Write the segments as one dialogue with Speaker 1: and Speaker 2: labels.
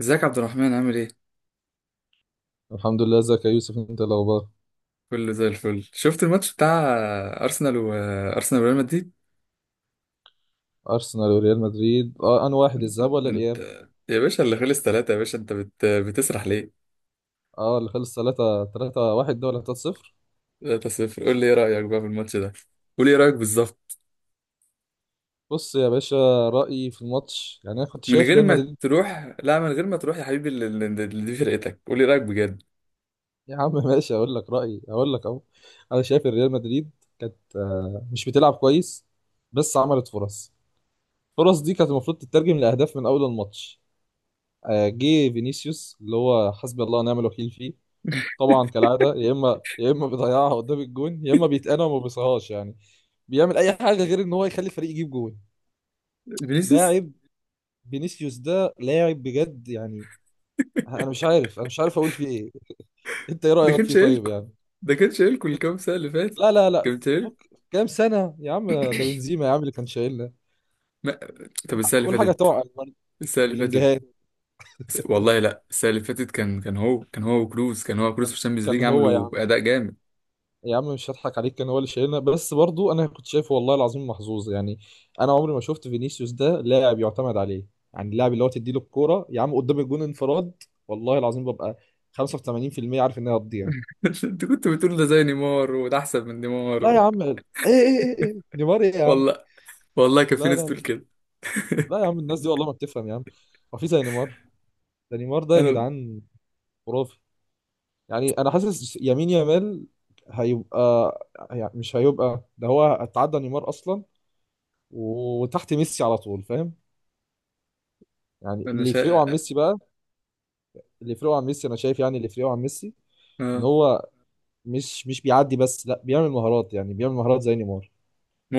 Speaker 1: ازيك يا عبد الرحمن، عامل ايه؟
Speaker 2: الحمد لله. ازيك يا يوسف؟ انت إيه الاخبار؟
Speaker 1: كله زي الفل. شفت الماتش بتاع ارسنال وريال مدريد؟
Speaker 2: ارسنال وريال مدريد. اه، انا واحد الذهاب ولا
Speaker 1: انت
Speaker 2: الاياب؟
Speaker 1: يا باشا، اللي خلص ثلاثة يا باشا، بتسرح ليه؟
Speaker 2: اه، اللي خلص 3 3 1 ده ولا 3 0؟
Speaker 1: 3-0. قول لي ايه رأيك بقى في الماتش ده؟ قول لي ايه رأيك بالظبط؟
Speaker 2: بص يا باشا. رايي في الماتش يعني انا كنت
Speaker 1: من
Speaker 2: شايف
Speaker 1: غير
Speaker 2: ريال
Speaker 1: ما
Speaker 2: مدريد.
Speaker 1: تروح، لا من غير ما تروح يا حبيبي، اللي دي فرقتك، قول لي إيه رأيك بجد؟
Speaker 2: يا عم ماشي. اقول لك رايي، اقول لك اهو. انا شايف ان ريال مدريد كانت مش بتلعب كويس. بس عملت فرص. الفرص دي كانت المفروض تترجم لاهداف من اول الماتش. جه فينيسيوس اللي هو حسبي الله ونعم الوكيل فيه. طبعا كالعاده، يا اما بيضيعها قدام الجون، يا اما بيتقنع وما بيصهاش يعني. بيعمل اي حاجه غير ان هو يخلي الفريق يجيب جول.
Speaker 1: فينيسيوس،
Speaker 2: لاعب. فينيسيوس ده لاعب بجد يعني. انا مش عارف اقول فيه ايه. انت ايه
Speaker 1: ده
Speaker 2: رايك
Speaker 1: كان
Speaker 2: فيه طيب
Speaker 1: شايلكوا
Speaker 2: يعني؟
Speaker 1: ده كان شايلكوا
Speaker 2: انت.
Speaker 1: الكام سنة اللي فاتت،
Speaker 2: لا لا لا.
Speaker 1: كان شايلكوا.
Speaker 2: فك كام سنه يا عم، ده بنزيما يا عم اللي كان شايلنا.
Speaker 1: ما... طب السنة اللي
Speaker 2: قول حاجه
Speaker 1: فاتت،
Speaker 2: توعى.
Speaker 1: السنة اللي فاتت
Speaker 2: بلينجهام.
Speaker 1: والله لا، السنة اللي فاتت كان هو وكروز في
Speaker 2: كان
Speaker 1: الشامبيونز
Speaker 2: كان
Speaker 1: ليج،
Speaker 2: هو يا
Speaker 1: عملوا
Speaker 2: عم.
Speaker 1: أداء جامد.
Speaker 2: يا عم، مش هضحك عليك. كان هو اللي شايلنا، بس برضو انا كنت شايفه والله العظيم محظوظ يعني. انا عمري ما شفت فينيسيوس ده لاعب يعتمد عليه. يعني اللاعب اللي هو تديله الكوره يا عم قدام الجون انفراد والله العظيم ببقى 85% عارف ان هي هتضيع.
Speaker 1: انت كنت بتقول ده زي نيمار، وده أحسن من نيمار
Speaker 2: لا يا عم. ايه؟ ايه؟ ايه؟ إيه؟ نيمار ايه يا عم.
Speaker 1: والله، والله كان في
Speaker 2: لا
Speaker 1: ناس
Speaker 2: لا
Speaker 1: تقول
Speaker 2: لا
Speaker 1: كده.
Speaker 2: لا، يا عم الناس دي والله ما بتفهم يا عم. هو في زي نيمار؟ ده نيمار ده يا
Speaker 1: أنا
Speaker 2: جدعان، خرافي. يعني انا حاسس يمين يامال هيبقى، يعني مش هيبقى ده، هو اتعدى نيمار اصلا وتحت ميسي على طول، فاهم؟ يعني
Speaker 1: أنا
Speaker 2: اللي يفرقه عن
Speaker 1: شا...
Speaker 2: ميسي بقى، اللي يفرقه عن ميسي انا شايف، يعني اللي يفرقه عن ميسي ان
Speaker 1: آه
Speaker 2: هو مش بيعدي بس، لا بيعمل مهارات يعني بيعمل مهارات زي نيمار.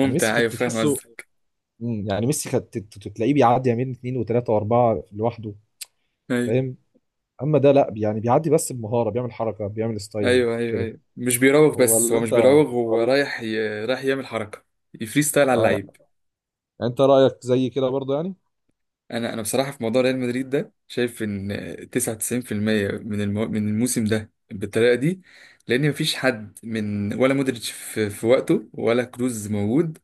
Speaker 2: يعني ميسي
Speaker 1: أيوه
Speaker 2: كانت
Speaker 1: فاهم
Speaker 2: تحسه،
Speaker 1: قصدك.
Speaker 2: يعني ميسي كانت تلاقيه بيعدي يمين اثنين وثلاثه واربعه لوحده،
Speaker 1: أيوه
Speaker 2: فاهم؟ اما ده لا، يعني بيعدي بس بمهاره، بيعمل حركه بيعمل ستايل
Speaker 1: أيوه أيوه
Speaker 2: كده.
Speaker 1: أيوه، مش بيراوغ. بس
Speaker 2: ولا
Speaker 1: هو مش
Speaker 2: انت؟
Speaker 1: بيراوغ، هو
Speaker 2: ولا،
Speaker 1: رايح رايح يعمل حركة، يفري ستايل على
Speaker 2: آه، يعني
Speaker 1: اللعيب.
Speaker 2: انت رايك زي كده برضه يعني.
Speaker 1: انا بصراحه في موضوع ريال مدريد ده شايف ان 99% من الموسم ده بالطريقه دي، لان مفيش حد. من ولا مودريتش في وقته، ولا كروز موجود.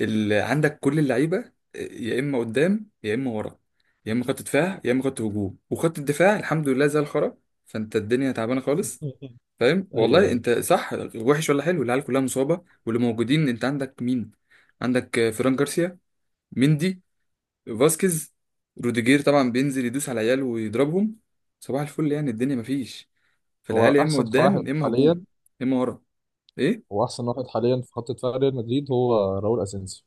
Speaker 1: اللي عندك كل اللعيبه يا اما قدام يا اما ورا، يا اما خط دفاع يا اما خط هجوم. وخط الدفاع الحمد لله زي الخرا، فانت الدنيا تعبانه خالص. فاهم
Speaker 2: ايوه،
Speaker 1: والله؟
Speaker 2: ايوه.
Speaker 1: انت صح، وحش ولا حلو؟ العيال كلها مصابه، واللي موجودين انت عندك مين؟ عندك فران جارسيا، مندي، فاسكيز، روديجير طبعا بينزل يدوس على العيال ويضربهم، صباح الفل. يعني الدنيا مفيش.
Speaker 2: هو
Speaker 1: فالعيال يا اما
Speaker 2: احسن
Speaker 1: قدام
Speaker 2: واحد
Speaker 1: يا اما هجوم
Speaker 2: حاليا
Speaker 1: يا اما ورا، ايه.
Speaker 2: هو احسن واحد حاليا في خط دفاع ريال مدريد هو راؤول اسينسيو.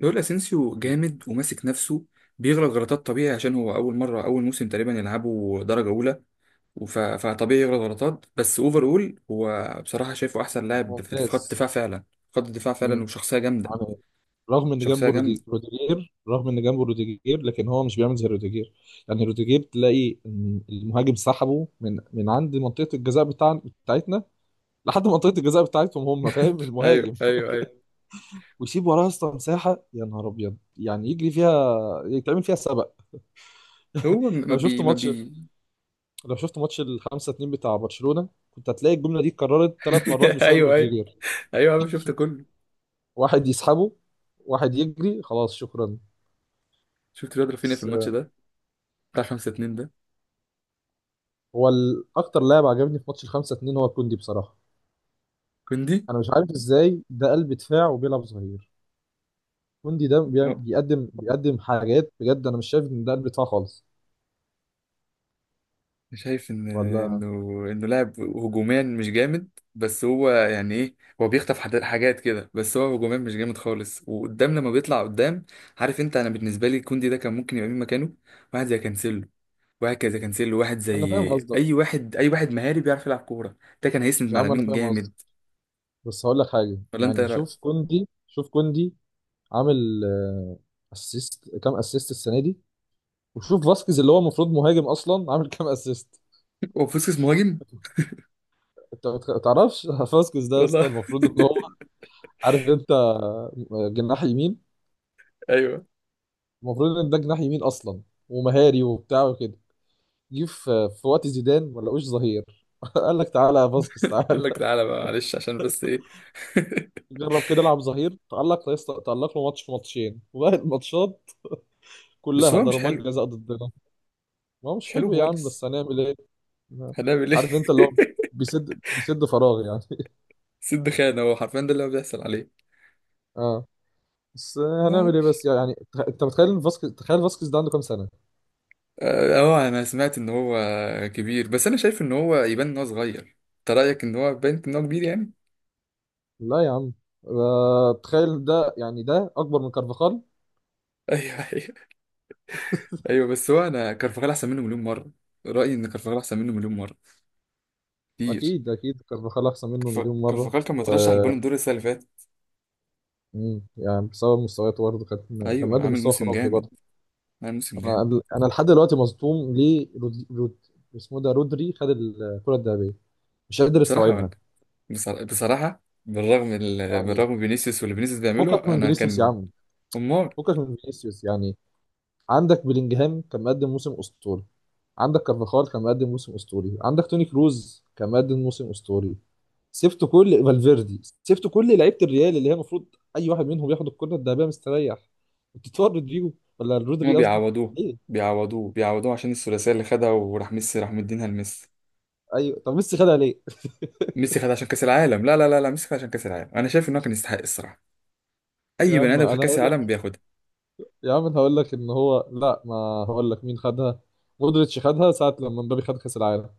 Speaker 1: دول اسينسيو جامد وماسك نفسه، بيغلط غلطات طبيعي عشان هو اول مره، اول موسم تقريبا يلعبه درجه اولى، فطبيعي يغلط غلطات. بس اوفر اول، هو بصراحه شايفه احسن لاعب في خط
Speaker 2: ممتاز.
Speaker 1: الدفاع فعلا، خط الدفاع فعلا،
Speaker 2: مم.
Speaker 1: وشخصيه جامده.
Speaker 2: يعني
Speaker 1: شخصيه جامده،
Speaker 2: رغم ان جنبه روديجير، لكن هو مش بيعمل زي روديجير. يعني روديجير تلاقي إن المهاجم سحبه من عند منطقه الجزاء بتاعتنا لحد منطقه الجزاء بتاعتهم هم، فاهم؟ المهاجم
Speaker 1: ايوه ايوه ايوه.
Speaker 2: ويسيب وراه اصلا مساحه، يا نهار ابيض، يعني يجري فيها يتعمل فيها سبق.
Speaker 1: هو ما
Speaker 2: لو شفت
Speaker 1: بي ما
Speaker 2: ماتش
Speaker 1: بي
Speaker 2: لو شفت ماتش ال 5 2 بتاع برشلونه كنت هتلاقي الجمله دي اتكررت ثلاث مرات بسبب
Speaker 1: ايوه ايوه
Speaker 2: روديجير.
Speaker 1: ايوه، انا شفت كله.
Speaker 2: واحد يسحبه، واحد يجري، خلاص شكرا.
Speaker 1: شفت الواد رافينيا في
Speaker 2: بس
Speaker 1: الماتش ده بتاع 5-2 ده.
Speaker 2: هو اكتر لاعب عجبني في ماتش ال 5-2 هو كوندي بصراحة.
Speaker 1: كوندي،
Speaker 2: انا مش عارف ازاي ده قلب دفاع وبيلعب ظهير. كوندي ده
Speaker 1: اه،
Speaker 2: بيقدم حاجات بجد، انا مش شايف ان ده قلب دفاع خالص.
Speaker 1: شايف ان
Speaker 2: ولا.
Speaker 1: انه انه لاعب هجوميا مش جامد. بس هو يعني ايه، هو بيخطف حاجات كده، بس هو هجوميا مش جامد خالص، وقدام لما بيطلع قدام. عارف انت، انا بالنسبه لي كوندي ده كان ممكن يبقى مين مكانه؟ واحد زي كانسيلو، واحد زي كانسيلو واحد زي
Speaker 2: انا فاهم قصدك،
Speaker 1: اي واحد، مهاري بيعرف يلعب كوره. ده كان هيسند
Speaker 2: يا
Speaker 1: مع
Speaker 2: عم انا
Speaker 1: لامين
Speaker 2: فاهم قصدك،
Speaker 1: جامد.
Speaker 2: بس هقول لك حاجة
Speaker 1: ولا انت ايه
Speaker 2: يعني. شوف
Speaker 1: رايك؟
Speaker 2: كوندي، شوف كوندي. عامل اسيست، كام اسيست السنة دي؟ وشوف فاسكيز اللي هو المفروض مهاجم اصلا، عامل كام اسيست؟
Speaker 1: هو فوسكس مهاجم؟
Speaker 2: انت ما تعرفش؟ فاسكيز ده يا اسطى
Speaker 1: والله.
Speaker 2: المفروض ان هو، عارف انت، جناح يمين.
Speaker 1: ايوه،
Speaker 2: المفروض ان ده جناح يمين اصلا، ومهاري وبتاع وكده. جه في وقت زيدان ما لقوش ظهير. قال لك تعالى يا فاسكيز،
Speaker 1: قال
Speaker 2: تعالى.
Speaker 1: لك تعالى بقى. معلش عشان بس ايه.
Speaker 2: جرب كده العب ظهير. تألق لا يست- تألق له ماتش في ماتشين، وباقي الماتشات
Speaker 1: بس
Speaker 2: كلها
Speaker 1: هو مش
Speaker 2: ضربات
Speaker 1: حلو،
Speaker 2: جزاء ضدنا. ما هو
Speaker 1: مش
Speaker 2: مش
Speaker 1: حلو
Speaker 2: حلو يا عم، بس
Speaker 1: خالص.
Speaker 2: هنعمل ايه.
Speaker 1: هنعمل ايه؟
Speaker 2: عارف انت اللي هو بيسد فراغ يعني.
Speaker 1: سد خان، هو حرفيا ده اللي هو بيحصل عليه.
Speaker 2: اه، بس
Speaker 1: اه.
Speaker 2: هنعمل ايه، بس يعني انت متخيل إن فاسكيز تخيل فاسكيز ده عنده كام سنة؟
Speaker 1: انا سمعت ان هو كبير، بس انا شايف ان هو يبان ان هو صغير. انت رايك ان هو باين ان هو كبير يعني؟
Speaker 2: لا يا عم. تخيل ده، يعني ده اكبر من كارفاخال.
Speaker 1: ايوه ايوه ايوه. بس هو، انا كرفخال احسن منه مليون مره، رايي ان كرفخال احسن منه مليون مره كتير.
Speaker 2: اكيد اكيد، كارفاخال احسن منه مليون مره،
Speaker 1: كرفخال كان
Speaker 2: و...
Speaker 1: مترشح البالون دور السنه اللي فاتت،
Speaker 2: مم. يعني بسبب مستوياته برضه كان، كان
Speaker 1: ايوه
Speaker 2: مقدم
Speaker 1: عامل
Speaker 2: مستوى
Speaker 1: موسم
Speaker 2: خرافي
Speaker 1: جامد،
Speaker 2: برضه.
Speaker 1: عامل موسم جامد.
Speaker 2: انا لحد دلوقتي مصدوم ليه اسمه ده رودري خد الكره الذهبيه، مش قادر
Speaker 1: بصراحه انا
Speaker 2: استوعبها.
Speaker 1: بصراحه بصراحة
Speaker 2: يعني
Speaker 1: بالرغم من فينيسيوس واللي فينيسيوس بيعمله،
Speaker 2: فكك من
Speaker 1: انا
Speaker 2: فينيسيوس يا
Speaker 1: كان.
Speaker 2: عم،
Speaker 1: امال.
Speaker 2: فكك من فينيسيوس يعني. عندك بلينجهام كان مقدم موسم اسطوري، عندك كارفاخال كان مقدم موسم اسطوري، عندك توني كروز كان مقدم موسم اسطوري. سبت كل لعيبه الريال اللي هي المفروض اي واحد منهم ياخد الكره الذهبيه مستريح. بتتفرج رودريجو، ولا
Speaker 1: هما
Speaker 2: رودري، قصدي.
Speaker 1: بيعوضوه،
Speaker 2: ليه؟
Speaker 1: بيعوضوه عشان الثلاثيه اللي خدها، وراح ميسي، راح مدينها لميسي.
Speaker 2: ايوه، طب ميسي خدها ليه؟
Speaker 1: ميسي خدها عشان كاس العالم، لا لا لا لا، ميسي خدها عشان كاس العالم. انا شايف ان هو كان يستحق الصراحه. اي
Speaker 2: يا
Speaker 1: بني
Speaker 2: عم
Speaker 1: ادم خد
Speaker 2: انا
Speaker 1: كاس
Speaker 2: هقول لك،
Speaker 1: العالم بياخدها.
Speaker 2: ان هو لا، ما، هقول لك مين خدها. مودريتش خدها ساعه لما مبابي خد كاس العالم.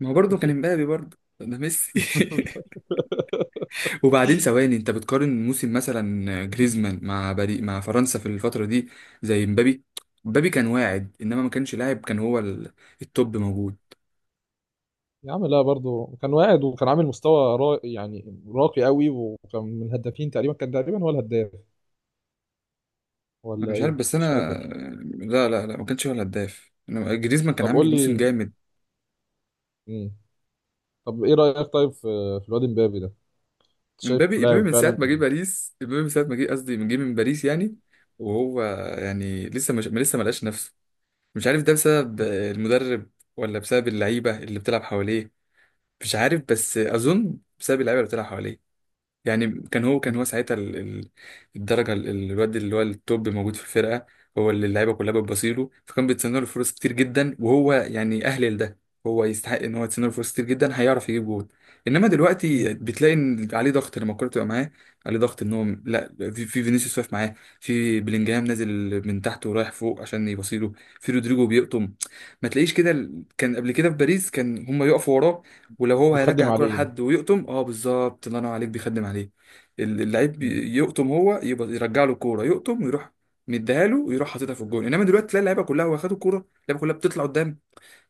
Speaker 1: ما هو برضه كان امبابي برضه ده ميسي. وبعدين ثواني، انت بتقارن موسم مثلا جريزمان مع بري مع فرنسا في الفتره دي زي امبابي؟ امبابي كان واعد، انما ما كانش لاعب، كان هو التوب موجود.
Speaker 2: يا عم لا، برضه كان واعد وكان عامل مستوى يعني راقي قوي، وكان من الهدافين تقريبا، كان تقريبا هو الهداف،
Speaker 1: انا
Speaker 2: ولا
Speaker 1: مش عارف،
Speaker 2: ايه
Speaker 1: بس
Speaker 2: مش
Speaker 1: انا
Speaker 2: فاكر.
Speaker 1: لا لا لا، ما كانش هو الهداف. جريزمان كان
Speaker 2: طب
Speaker 1: عامل
Speaker 2: قول
Speaker 1: موسم
Speaker 2: لي.
Speaker 1: جامد.
Speaker 2: مم. طب ايه رأيك طيب في الواد امبابي ده؟ شايفه
Speaker 1: امبابي
Speaker 2: لاعب
Speaker 1: من ساعة
Speaker 2: فعلا؟
Speaker 1: ما جه باريس، امبابي من ساعة ما جه، قصدي من جه من باريس يعني. وهو يعني لسه مش، لسه ما لقاش نفسه. مش عارف ده بسبب المدرب ولا بسبب اللعيبة اللي بتلعب حواليه؟ مش عارف، بس أظن بسبب اللعيبة اللي بتلعب حواليه. يعني كان هو
Speaker 2: مم.
Speaker 1: كان هو ساعتها الدرجه، الواد اللي هو التوب موجود في الفرقه. هو اللي اللعيبه كلها بتبصيله، فكان بيتسنى له فرص كتير جدا، وهو يعني اهل لده. هو يستحق ان هو يتسنى له فرص كتير جدا، هيعرف يجيب جول. انما دلوقتي
Speaker 2: مم.
Speaker 1: بتلاقي ان عليه ضغط لما الكوره تبقى معاه. عليه ضغط ان هو، لا، في فينيسيوس واقف معاه، في بلينجهام نازل من تحت ورايح فوق عشان يبصيله، في رودريجو بيقطم. ما تلاقيش كده. كان قبل كده في باريس كان هم يقفوا وراه، ولو هو هيرجع
Speaker 2: بتخدم
Speaker 1: الكرة
Speaker 2: عليه يعني.
Speaker 1: لحد ويقطم، اه بالظبط، الله ينور عليك، بيخدم عليه. اللعيب
Speaker 2: مم.
Speaker 1: يقطم، هو يبقى يرجع له الكوره، يقطم ويروح، مديها له ويروح حاططها في الجون. انما دلوقتي تلاقي اللعيبه كلها واخدوا الكوره، اللعيبه كلها بتطلع قدام.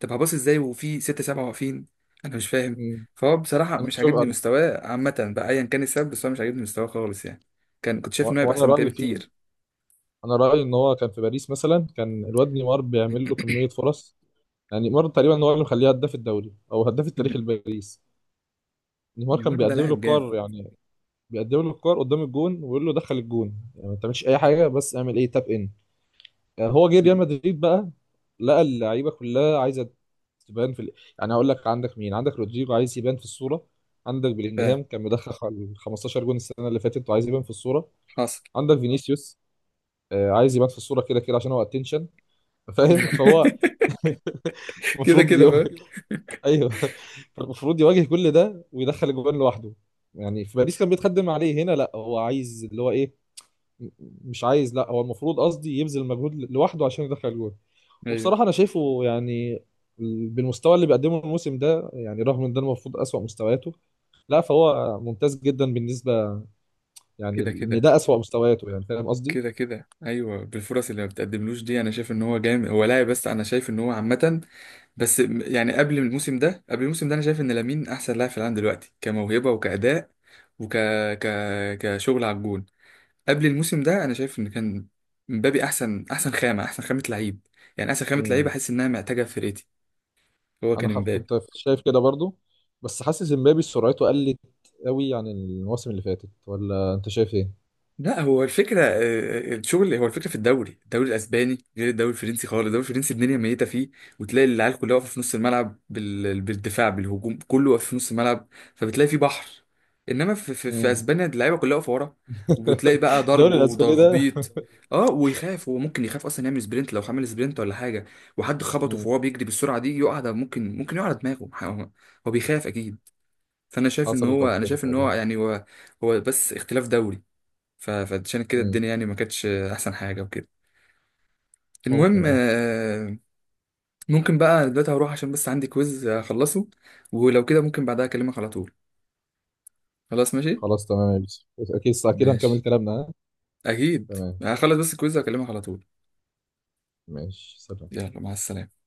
Speaker 1: طب هباص ازاي وفي ستة سبعة واقفين؟ انا مش فاهم.
Speaker 2: مم.
Speaker 1: فهو بصراحه
Speaker 2: انا
Speaker 1: مش
Speaker 2: شوف
Speaker 1: عاجبني
Speaker 2: انا
Speaker 1: مستواه عامه بقى، ايا كان السبب، بس هو مش عاجبني مستواه خالص يعني. كان كنت شايف
Speaker 2: و-
Speaker 1: ان هو هيبقى
Speaker 2: وانا
Speaker 1: احسن من كده
Speaker 2: رأيي فيه.
Speaker 1: بكتير.
Speaker 2: انا رأيي ان هو كان في باريس مثلا، كان الواد نيمار بيعمل له كمية فرص. يعني نيمار تقريبا هو اللي مخليه هداف الدوري او هداف التاريخ
Speaker 1: ن-
Speaker 2: لباريس. نيمار كان
Speaker 1: نيمار ده
Speaker 2: بيقدم له
Speaker 1: لاعب جامد.
Speaker 2: كور يعني. بيقدم له الكور قدام الجون ويقول له دخل الجون، يعني ما تعملش اي حاجه، بس اعمل ايه تاب ان. يعني هو جه ريال مدريد بقى، لقى اللعيبه كلها عايزه تبان في. يعني هقول لك، عندك مين؟ عندك رودريجو عايز يبان في الصوره، عندك بلينجهام كان مدخل 15 جون السنه اللي فاتت وعايز يبان في الصوره،
Speaker 1: فحاصل.
Speaker 2: عندك فينيسيوس عايز يبان في الصوره كده كده عشان هو اتنشن. فاهم فهو
Speaker 1: كده
Speaker 2: المفروض
Speaker 1: كده
Speaker 2: يواجه.
Speaker 1: فاهم،
Speaker 2: ايوه، فالمفروض يواجه كل ده ويدخل الجوان لوحده. يعني في باريس كان بيتخدم عليه، هنا لا، هو عايز اللي هو ايه، مش عايز، لا هو المفروض، قصدي يبذل مجهود لوحده عشان يدخل جول.
Speaker 1: ايوه
Speaker 2: وبصراحة أنا شايفه يعني بالمستوى اللي بيقدمه الموسم ده، يعني رغم ان ده المفروض أسوأ مستوياته، لا فهو ممتاز جدا بالنسبة. يعني
Speaker 1: كده
Speaker 2: ان
Speaker 1: كده،
Speaker 2: ده أسوأ مستوياته، يعني فاهم قصدي؟
Speaker 1: كده كده ايوه. بالفرص اللي ما بتقدملوش دي انا شايف ان هو جامد، هو لاعب، بس انا شايف ان هو عامه. بس يعني قبل الموسم ده انا شايف ان لامين احسن لاعب في العالم دلوقتي، كموهبه وكاداء وك ك... كشغل على الجون. قبل الموسم ده انا شايف ان كان مبابي احسن، خامه، احسن خامه لعيب يعني احسن خامه لعيب
Speaker 2: مم.
Speaker 1: احس انها محتاجه في فرقتي. هو كان مبابي.
Speaker 2: كنت شايف كده برضو، بس حاسس امبابي سرعته قلت قوي عن المواسم اللي فاتت، ولا انت شايف ايه؟
Speaker 1: لا هو الفكرة، الشغل هو الفكرة. في الدوري، الدوري الأسباني غير الدوري الفرنسي خالص، الدوري الفرنسي الدنيا ميتة فيه. وتلاقي العيال كلها واقفة في نص الملعب بالدفاع بالهجوم، كله واقف في نص الملعب، فبتلاقي فيه بحر. إنما في
Speaker 2: مم.
Speaker 1: أسبانيا اللعيبة كلها واقفة ورا، وبتلاقي بقى
Speaker 2: الدوري
Speaker 1: ضرب
Speaker 2: الاسباني ده.
Speaker 1: وتخبيط. اه، ويخاف هو، ممكن يخاف اصلا يعمل سبرنت، لو عمل سبرنت ولا حاجه وحد خبطه
Speaker 2: مم.
Speaker 1: فهو بيجري بالسرعه دي يقع ده، ممكن، يقع على دماغه هو. هو بيخاف اكيد. فانا شايف ان
Speaker 2: حصلت
Speaker 1: هو
Speaker 2: قبل
Speaker 1: انا
Speaker 2: كده
Speaker 1: شايف ان هو
Speaker 2: تقريبا.
Speaker 1: يعني هو، هو بس اختلاف دوري. فعشان كده
Speaker 2: مم.
Speaker 1: الدنيا يعني ما كانتش احسن حاجه وكده. المهم،
Speaker 2: ممكن، اه.
Speaker 1: ممكن بقى، أنا دلوقتي هروح عشان بس عندي كويز اخلصه، ولو كده ممكن بعدها اكلمك على طول. خلاص ماشي،
Speaker 2: خلاص تمام يا يوسف، اكيد كده نكمل
Speaker 1: ماشي
Speaker 2: كلامنا، ها؟
Speaker 1: اكيد.
Speaker 2: تمام،
Speaker 1: هخلص بس الكويز واكلمك على طول.
Speaker 2: ماشي، سلام.
Speaker 1: يلا، مع السلامه.